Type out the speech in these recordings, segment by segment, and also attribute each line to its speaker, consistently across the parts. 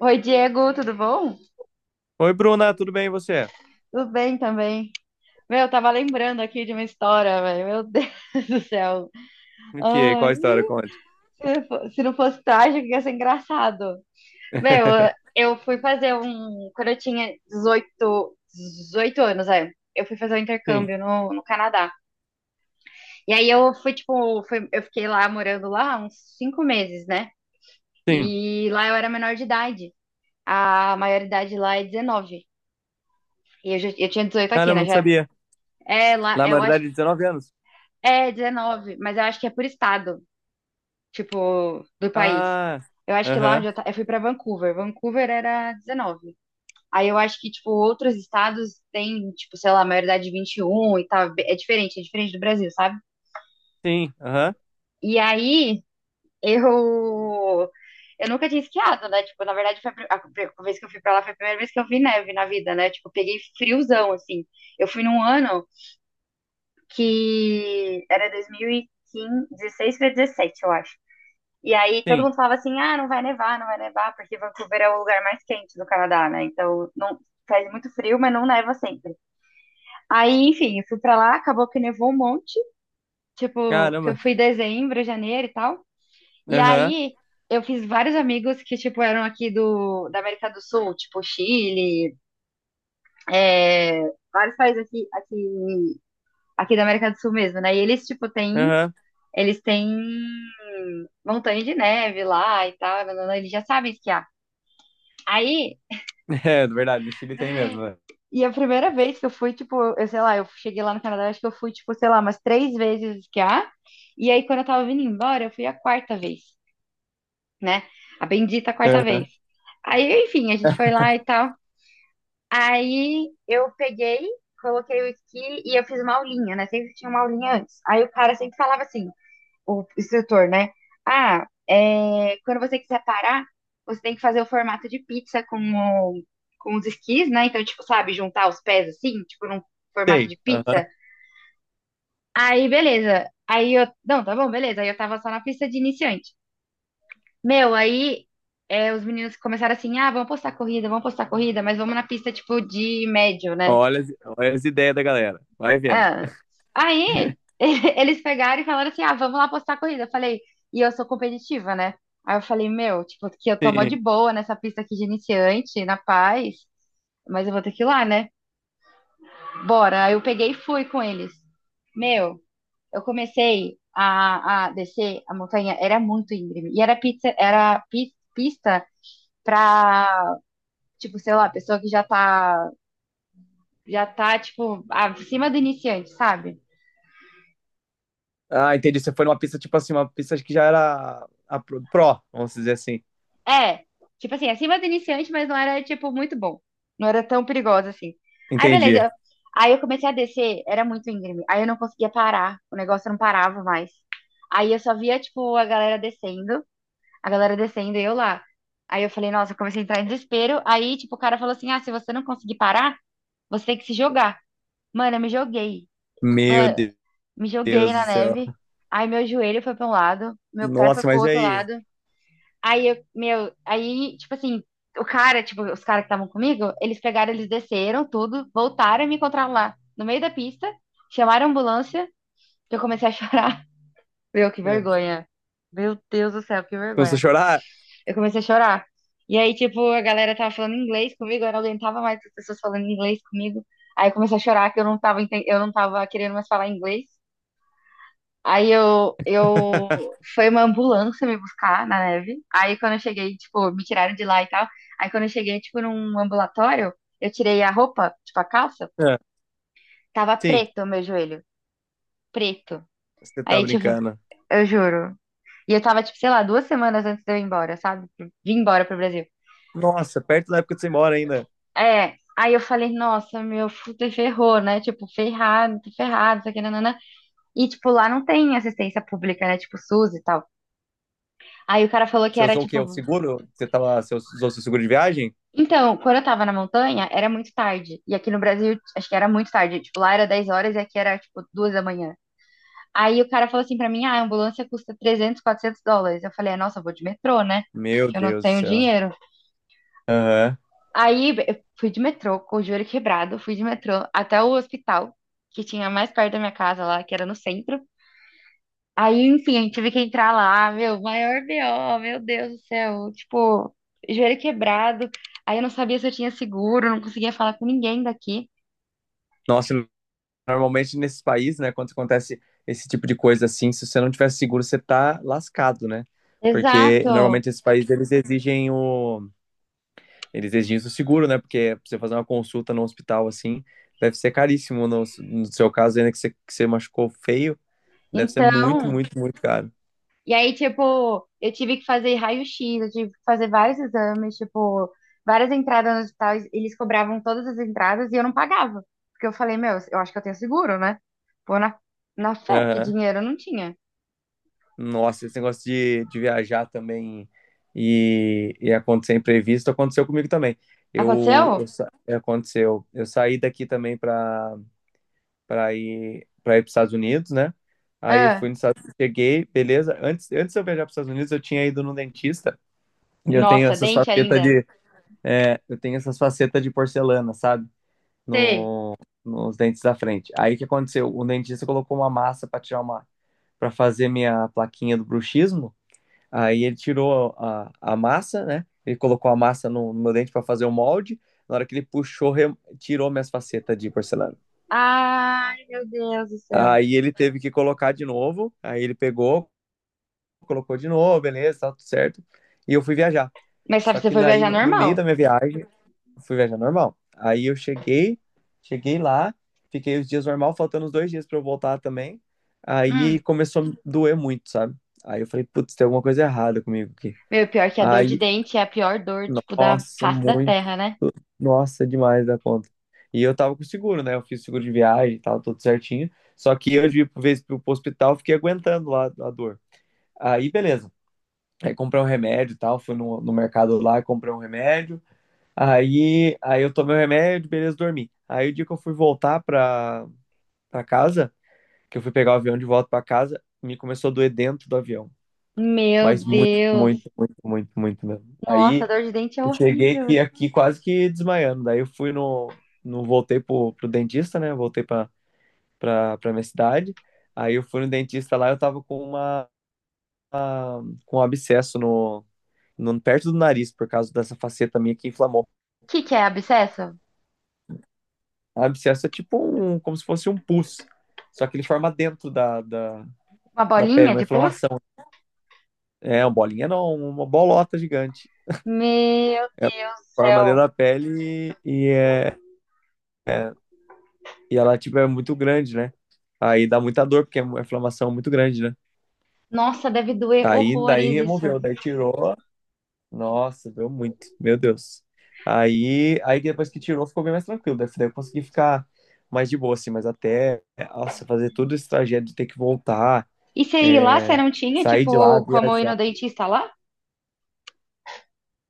Speaker 1: Oi, Diego, tudo bom?
Speaker 2: Oi, Bruna, tudo bem e você?
Speaker 1: Tudo bem também. Meu, eu tava lembrando aqui de uma história, velho. Meu Deus do céu.
Speaker 2: O que? Qual
Speaker 1: Ai,
Speaker 2: a história? Conte.
Speaker 1: se não fosse trágico, ia ser engraçado. Meu, eu fui fazer um. Quando eu tinha 18 anos, é. Eu fui fazer um
Speaker 2: Sim,
Speaker 1: intercâmbio no Canadá. E aí eu fui, tipo, eu fiquei lá morando lá uns cinco meses, né?
Speaker 2: sim.
Speaker 1: E lá eu era menor de idade. A maioridade lá é 19. E eu, já, eu tinha dezoito aqui,
Speaker 2: Caramba,
Speaker 1: né?
Speaker 2: não
Speaker 1: Já.
Speaker 2: sabia.
Speaker 1: É, lá,
Speaker 2: Na
Speaker 1: eu acho.
Speaker 2: maioridade de 19 anos.
Speaker 1: É, 19, mas eu acho que é por estado, tipo, do país.
Speaker 2: Ah,
Speaker 1: Eu acho que lá onde
Speaker 2: aham,
Speaker 1: eu fui pra Vancouver, Vancouver era 19. Aí eu acho que, tipo, outros estados têm, tipo, sei lá, maioridade 21 e um e tal. É diferente do Brasil, sabe?
Speaker 2: sim, aham,
Speaker 1: E aí eu. Eu nunca tinha esquiado, né? Tipo, na verdade, foi a vez que eu fui pra lá foi a primeira vez que eu vi neve na vida, né? Tipo, eu peguei friozão, assim. Eu fui num ano que era 2015, 16 pra 17, eu acho. E aí todo
Speaker 2: sim.
Speaker 1: mundo falava assim, ah, não vai nevar, porque Vancouver é o lugar mais quente do Canadá, né? Então não faz muito frio, mas não neva sempre. Aí, enfim, eu fui pra lá, acabou que nevou um monte, tipo, que eu
Speaker 2: Caramba,
Speaker 1: fui em dezembro, janeiro e tal. E
Speaker 2: aham,
Speaker 1: aí eu fiz vários amigos que, tipo, eram aqui do, da América do Sul, tipo Chile, é, vários países aqui da América do Sul mesmo, né? E eles, tipo, têm,
Speaker 2: aham.
Speaker 1: eles têm montanha de neve lá e tal, nanana, eles já sabem esquiar. Aí,
Speaker 2: É, verdade, no Chile tem mesmo, né?
Speaker 1: e a primeira vez que eu fui, tipo, eu sei lá, eu cheguei lá no Canadá, acho que eu fui, tipo, sei lá, umas três vezes esquiar. E aí, quando eu tava vindo embora, eu fui a quarta vez, né? A bendita quarta vez.
Speaker 2: Aham.
Speaker 1: Aí, enfim, a gente foi lá e tal. Aí eu peguei, coloquei o esqui e eu fiz uma aulinha, né? Sempre tinha uma aulinha antes. Aí o cara sempre falava assim: o instrutor, né? Ah, é, quando você quiser parar, você tem que fazer o formato de pizza com os esquis, né? Então, tipo, sabe, juntar os pés assim, tipo, num formato
Speaker 2: Tem,
Speaker 1: de pizza.
Speaker 2: aham.
Speaker 1: Aí, beleza. Aí eu. Não, tá bom, beleza. Aí eu tava só na pista de iniciante. Meu, aí é, os meninos começaram assim: ah, vamos postar corrida, mas vamos na pista, tipo, de médio, né?
Speaker 2: Olha, as- olha as ideias da galera. Vai vendo.
Speaker 1: Ah, aí eles pegaram e falaram assim: ah, vamos lá postar a corrida. Eu falei, e eu sou competitiva, né? Aí eu falei, meu, tipo, que eu tô mó de
Speaker 2: Sim.
Speaker 1: boa nessa pista aqui de iniciante, na paz, mas eu vou ter que ir lá, né? Bora. Aí eu peguei e fui com eles. Meu, eu comecei a descer a montanha, era muito íngreme. E era pizza, era pista pra, tipo, sei lá, pessoa que já tá, tipo, acima do iniciante, sabe?
Speaker 2: Ah, entendi. Você foi numa pista, tipo assim, uma pista que já era a pro, vamos dizer assim.
Speaker 1: É, tipo assim, acima do iniciante, mas não era, tipo, muito bom. Não era tão perigosa assim. Aí, beleza.
Speaker 2: Entendi.
Speaker 1: Aí eu comecei a descer, era muito íngreme. Aí eu não conseguia parar, o negócio não parava mais. Aí eu só via, tipo, a galera descendo e eu lá. Aí eu falei, nossa, eu comecei a entrar em desespero. Aí, tipo, o cara falou assim: ah, se você não conseguir parar, você tem que se jogar. Mano, eu me joguei.
Speaker 2: Meu
Speaker 1: Ma- Me joguei
Speaker 2: Deus do
Speaker 1: na
Speaker 2: céu.
Speaker 1: neve. Aí meu joelho foi pra um lado, meu pé foi
Speaker 2: Nossa,
Speaker 1: pro
Speaker 2: mas e
Speaker 1: outro
Speaker 2: aí?
Speaker 1: lado. Aí eu, meu, aí, tipo assim, o cara, tipo, os caras que estavam comigo, eles pegaram, eles desceram tudo, voltaram e me encontraram lá no meio da pista, chamaram a ambulância, eu comecei a chorar. Meu, que
Speaker 2: É.
Speaker 1: vergonha. Meu Deus do céu, que
Speaker 2: Começou a
Speaker 1: vergonha.
Speaker 2: chorar?
Speaker 1: Eu comecei a chorar. E aí, tipo, a galera tava falando inglês comigo, eu não aguentava mais as pessoas falando inglês comigo. Aí eu comecei a chorar que eu não tava, eu não tava querendo mais falar inglês. Eu... Foi uma ambulância me buscar na neve. Aí quando eu cheguei, tipo, me tiraram de lá e tal. Aí quando eu cheguei, tipo, num ambulatório, eu tirei a roupa, tipo, a calça.
Speaker 2: É.
Speaker 1: Tava
Speaker 2: Sim,
Speaker 1: preto o meu joelho. Preto.
Speaker 2: você tá
Speaker 1: Aí, tipo,
Speaker 2: brincando.
Speaker 1: eu juro. E eu tava, tipo, sei lá, duas semanas antes de eu ir embora, sabe? Vim embora pro Brasil.
Speaker 2: Nossa, perto da época que você mora ainda.
Speaker 1: É. Aí eu falei, nossa, meu, fudeu, ferrou, né? Tipo, ferrado, tô ferrado, isso aqui, nanana. E, tipo, lá não tem assistência pública, né? Tipo, SUS e tal. Aí o cara falou que
Speaker 2: Você
Speaker 1: era,
Speaker 2: usou o
Speaker 1: tipo,
Speaker 2: quê? O seguro? Você usou seu seguro de viagem?
Speaker 1: então, quando eu tava na montanha, era muito tarde. E aqui no Brasil, acho que era muito tarde. Tipo, lá era 10 horas e aqui era, tipo, 2 da manhã. Aí o cara falou assim pra mim, ah, a ambulância custa 300 400 dólares. Eu falei, "É, nossa, eu vou de metrô, né?
Speaker 2: Meu
Speaker 1: Que eu não
Speaker 2: Deus do
Speaker 1: tenho
Speaker 2: céu.
Speaker 1: dinheiro".
Speaker 2: Aham.
Speaker 1: Aí eu fui de metrô, com o joelho quebrado, fui de metrô até o hospital, que tinha mais perto da minha casa lá, que era no centro. Aí, enfim, a gente teve que entrar lá, meu, maior BO, meu Deus do céu, tipo, joelho quebrado. Aí eu não sabia se eu tinha seguro, não conseguia falar com ninguém daqui.
Speaker 2: Nossa, normalmente nesses países, né, quando acontece esse tipo de coisa assim, se você não tiver seguro, você tá lascado, né? Porque
Speaker 1: Exato.
Speaker 2: normalmente esses países eles exigem o seguro, né? Porque pra você fazer uma consulta no hospital assim, deve ser caríssimo no seu caso, ainda que que você machucou feio, deve ser muito,
Speaker 1: Então,
Speaker 2: muito, muito caro.
Speaker 1: e aí, tipo, eu tive que fazer raio-x, eu tive que fazer vários exames, tipo, várias entradas no hospital, eles cobravam todas as entradas e eu não pagava. Porque eu falei, meu, eu acho que eu tenho seguro, né? Pô, na fé, porque dinheiro eu não tinha.
Speaker 2: Nossa, esse negócio de viajar também e acontecer imprevisto aconteceu comigo também.
Speaker 1: Aconteceu?
Speaker 2: Aconteceu. Eu saí daqui também para para ir para ir para os Estados Unidos, né? Aí eu
Speaker 1: Ah,
Speaker 2: fui nos Estados Unidos, cheguei, beleza. Antes de eu viajar para os Estados Unidos, eu tinha ido no dentista e
Speaker 1: nossa, dente ainda.
Speaker 2: eu tenho essas facetas de porcelana, sabe?
Speaker 1: Sei.
Speaker 2: No, nos dentes da frente. Aí o que aconteceu? O dentista colocou uma massa para tirar uma para fazer minha plaquinha do bruxismo. Aí ele tirou a massa, né? Ele colocou a massa no meu dente para fazer o molde. Na hora que ele puxou, tirou minhas facetas de porcelana.
Speaker 1: Ai, meu Deus do céu.
Speaker 2: Aí ele teve que colocar de novo. Aí ele pegou, colocou de novo, beleza, tá tudo certo. E eu fui viajar.
Speaker 1: Mas sabe,
Speaker 2: Só
Speaker 1: você
Speaker 2: que
Speaker 1: foi
Speaker 2: daí,
Speaker 1: viajar
Speaker 2: no
Speaker 1: normal.
Speaker 2: meio da minha viagem, eu fui viajar normal. Aí eu cheguei, cheguei lá, fiquei os dias normal, faltando os dois dias para eu voltar também. Aí
Speaker 1: Hum.
Speaker 2: começou a me doer muito, sabe? Aí eu falei, putz, tem alguma coisa errada comigo aqui.
Speaker 1: Meu, pior que a dor de
Speaker 2: Aí.
Speaker 1: dente é a pior dor, tipo, da
Speaker 2: Nossa,
Speaker 1: face da
Speaker 2: muito.
Speaker 1: terra, né?
Speaker 2: Nossa, é demais da conta. E eu tava com seguro, né? Eu fiz seguro de viagem e tal, tudo certinho. Só que eu, de vez pro hospital, fiquei aguentando lá a dor. Aí, beleza. Aí comprei um remédio e tal. Fui no mercado lá, comprei um remédio. Aí eu tomei o remédio, beleza, dormi. Aí o dia que eu fui voltar pra casa, que eu fui pegar o avião de volta pra casa, me começou a doer dentro do avião.
Speaker 1: Meu
Speaker 2: Mas muito,
Speaker 1: Deus.
Speaker 2: muito, muito, muito, muito mesmo.
Speaker 1: Nossa, a
Speaker 2: Aí.
Speaker 1: dor de dente é
Speaker 2: Eu cheguei
Speaker 1: horrível.
Speaker 2: aqui,
Speaker 1: O
Speaker 2: aqui quase que desmaiando. Daí eu fui no, no voltei pro dentista, né? Voltei pra minha cidade. Aí eu fui no dentista lá, eu tava com um abscesso no perto do nariz por causa dessa faceta minha que inflamou.
Speaker 1: que que é abscesso?
Speaker 2: O abscesso é tipo um, como se fosse um pus. Só que ele forma dentro
Speaker 1: Uma
Speaker 2: da pele,
Speaker 1: bolinha
Speaker 2: uma
Speaker 1: de pus?
Speaker 2: inflamação. É, uma bolinha não, uma bolota gigante.
Speaker 1: Meu
Speaker 2: É,
Speaker 1: Deus do
Speaker 2: forma dentro
Speaker 1: céu.
Speaker 2: da pele é, e ela, tipo, é muito grande, né? Aí dá muita dor, porque é uma inflamação muito grande, né?
Speaker 1: Nossa, deve doer
Speaker 2: Aí daí
Speaker 1: horrores isso.
Speaker 2: removeu, daí tirou. Nossa, doeu muito, meu Deus. Aí depois que tirou, ficou bem mais tranquilo. Daí eu consegui ficar mais de boa, assim, mas até, nossa, fazer todo esse trajeto de ter que voltar,
Speaker 1: E você ir lá, você
Speaker 2: é,
Speaker 1: não tinha,
Speaker 2: sair de lá,
Speaker 1: tipo, como ir no
Speaker 2: viajar.
Speaker 1: dentista lá?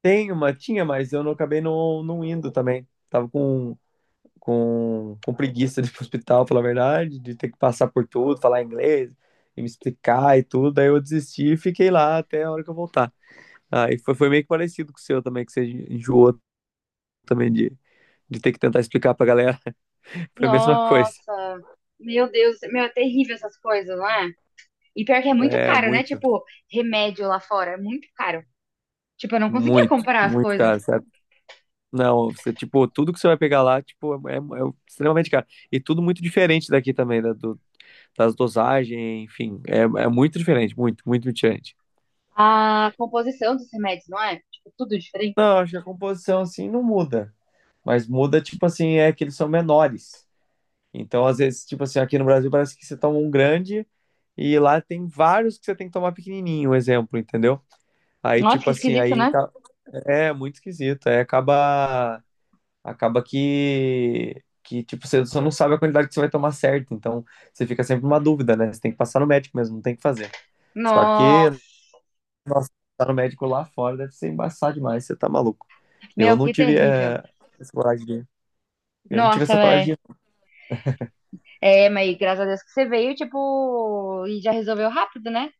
Speaker 2: Tinha, mas eu não acabei não, não indo também. Tava com preguiça de ir pro hospital, falar a verdade, de ter que passar por tudo, falar inglês e me explicar e tudo. Aí eu desisti e fiquei lá até a hora que eu voltar. Aí foi meio que parecido com o seu também, que você enjoou também de ter que tentar explicar pra galera. Foi a mesma coisa.
Speaker 1: Nossa, meu Deus, meu, é terrível essas coisas, não é? E pior que é muito
Speaker 2: É,
Speaker 1: caro, né?
Speaker 2: muito,
Speaker 1: Tipo, remédio lá fora é muito caro. Tipo, eu não conseguia
Speaker 2: muito,
Speaker 1: comparar as
Speaker 2: muito
Speaker 1: coisas.
Speaker 2: caro, sabe? Não, você, tipo, tudo que você vai pegar lá, tipo, é extremamente caro. E tudo muito diferente daqui também, das dosagens, enfim, é muito diferente, muito, muito diferente.
Speaker 1: A composição dos remédios, não é? Tipo, tudo diferente.
Speaker 2: Não, acho que a composição, assim, não muda. Mas muda, tipo assim, é que eles são menores. Então, às vezes, tipo assim, aqui no Brasil parece que você toma um grande e lá tem vários que você tem que tomar pequenininho, um exemplo, entendeu? Aí,
Speaker 1: Nossa,
Speaker 2: tipo
Speaker 1: que
Speaker 2: assim,
Speaker 1: esquisito, né?
Speaker 2: é muito esquisito. Aí acaba, acaba que tipo, você só não sabe a quantidade que você vai tomar certo. Então, você fica sempre numa dúvida, né? Você tem que passar no médico mesmo, não tem o que fazer. Só que
Speaker 1: Nossa.
Speaker 2: passar no médico lá fora deve ser embaçado demais, você tá maluco. Eu
Speaker 1: Meu,
Speaker 2: não
Speaker 1: que
Speaker 2: tive
Speaker 1: terrível.
Speaker 2: eh, essa coragem de, eu não tive
Speaker 1: Nossa,
Speaker 2: essa
Speaker 1: velho.
Speaker 2: coragem.
Speaker 1: É, mas graças a Deus que você veio, tipo, e já resolveu rápido, né?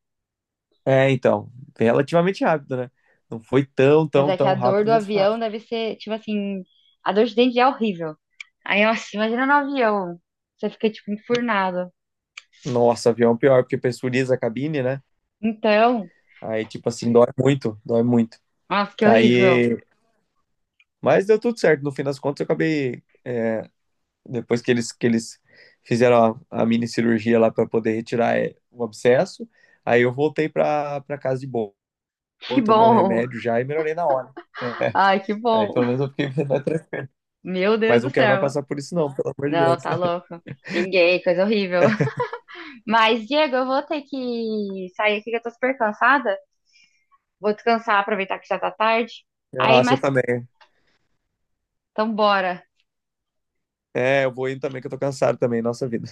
Speaker 2: É, então, relativamente rápido, né? Não foi tão,
Speaker 1: Mas
Speaker 2: tão,
Speaker 1: é que
Speaker 2: tão
Speaker 1: a dor
Speaker 2: rápido,
Speaker 1: do
Speaker 2: mas foi
Speaker 1: avião
Speaker 2: rápido.
Speaker 1: deve ser, tipo assim, a dor de dente é horrível. Aí, nossa, imagina no avião. Você fica, tipo, enfurnado.
Speaker 2: Nossa, avião pior, porque pressuriza a cabine, né?
Speaker 1: Então,
Speaker 2: Aí, tipo assim, dói muito, dói muito.
Speaker 1: nossa, que horrível.
Speaker 2: Aí, mas deu tudo certo. No fim das contas, eu acabei, depois que eles fizeram a mini cirurgia lá para poder retirar é, o abscesso, aí eu voltei pra casa de boa,
Speaker 1: Que
Speaker 2: tomei o
Speaker 1: bom.
Speaker 2: remédio já e melhorei na hora. É.
Speaker 1: Ai, que
Speaker 2: Aí
Speaker 1: bom.
Speaker 2: pelo menos eu fiquei mais tranquilo.
Speaker 1: Meu Deus
Speaker 2: Mas
Speaker 1: do
Speaker 2: não quero mais
Speaker 1: céu.
Speaker 2: passar por isso, não, pelo amor de
Speaker 1: Não, tá
Speaker 2: Deus.
Speaker 1: louco. Ninguém, coisa horrível. Mas, Diego, eu vou ter que sair aqui que eu tô super cansada. Vou descansar, aproveitar que já tá tarde. Aí,
Speaker 2: Nossa, eu
Speaker 1: mas
Speaker 2: também.
Speaker 1: então bora.
Speaker 2: É, eu vou indo também, que eu tô cansado também, nossa vida.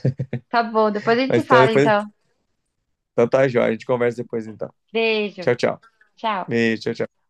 Speaker 1: Tá bom, depois a gente se
Speaker 2: Mas então
Speaker 1: fala então.
Speaker 2: depois. Então tá, Jó. A gente conversa depois então.
Speaker 1: Beijo.
Speaker 2: Tchau, tchau.
Speaker 1: Tchau.
Speaker 2: Beijo, tchau, tchau.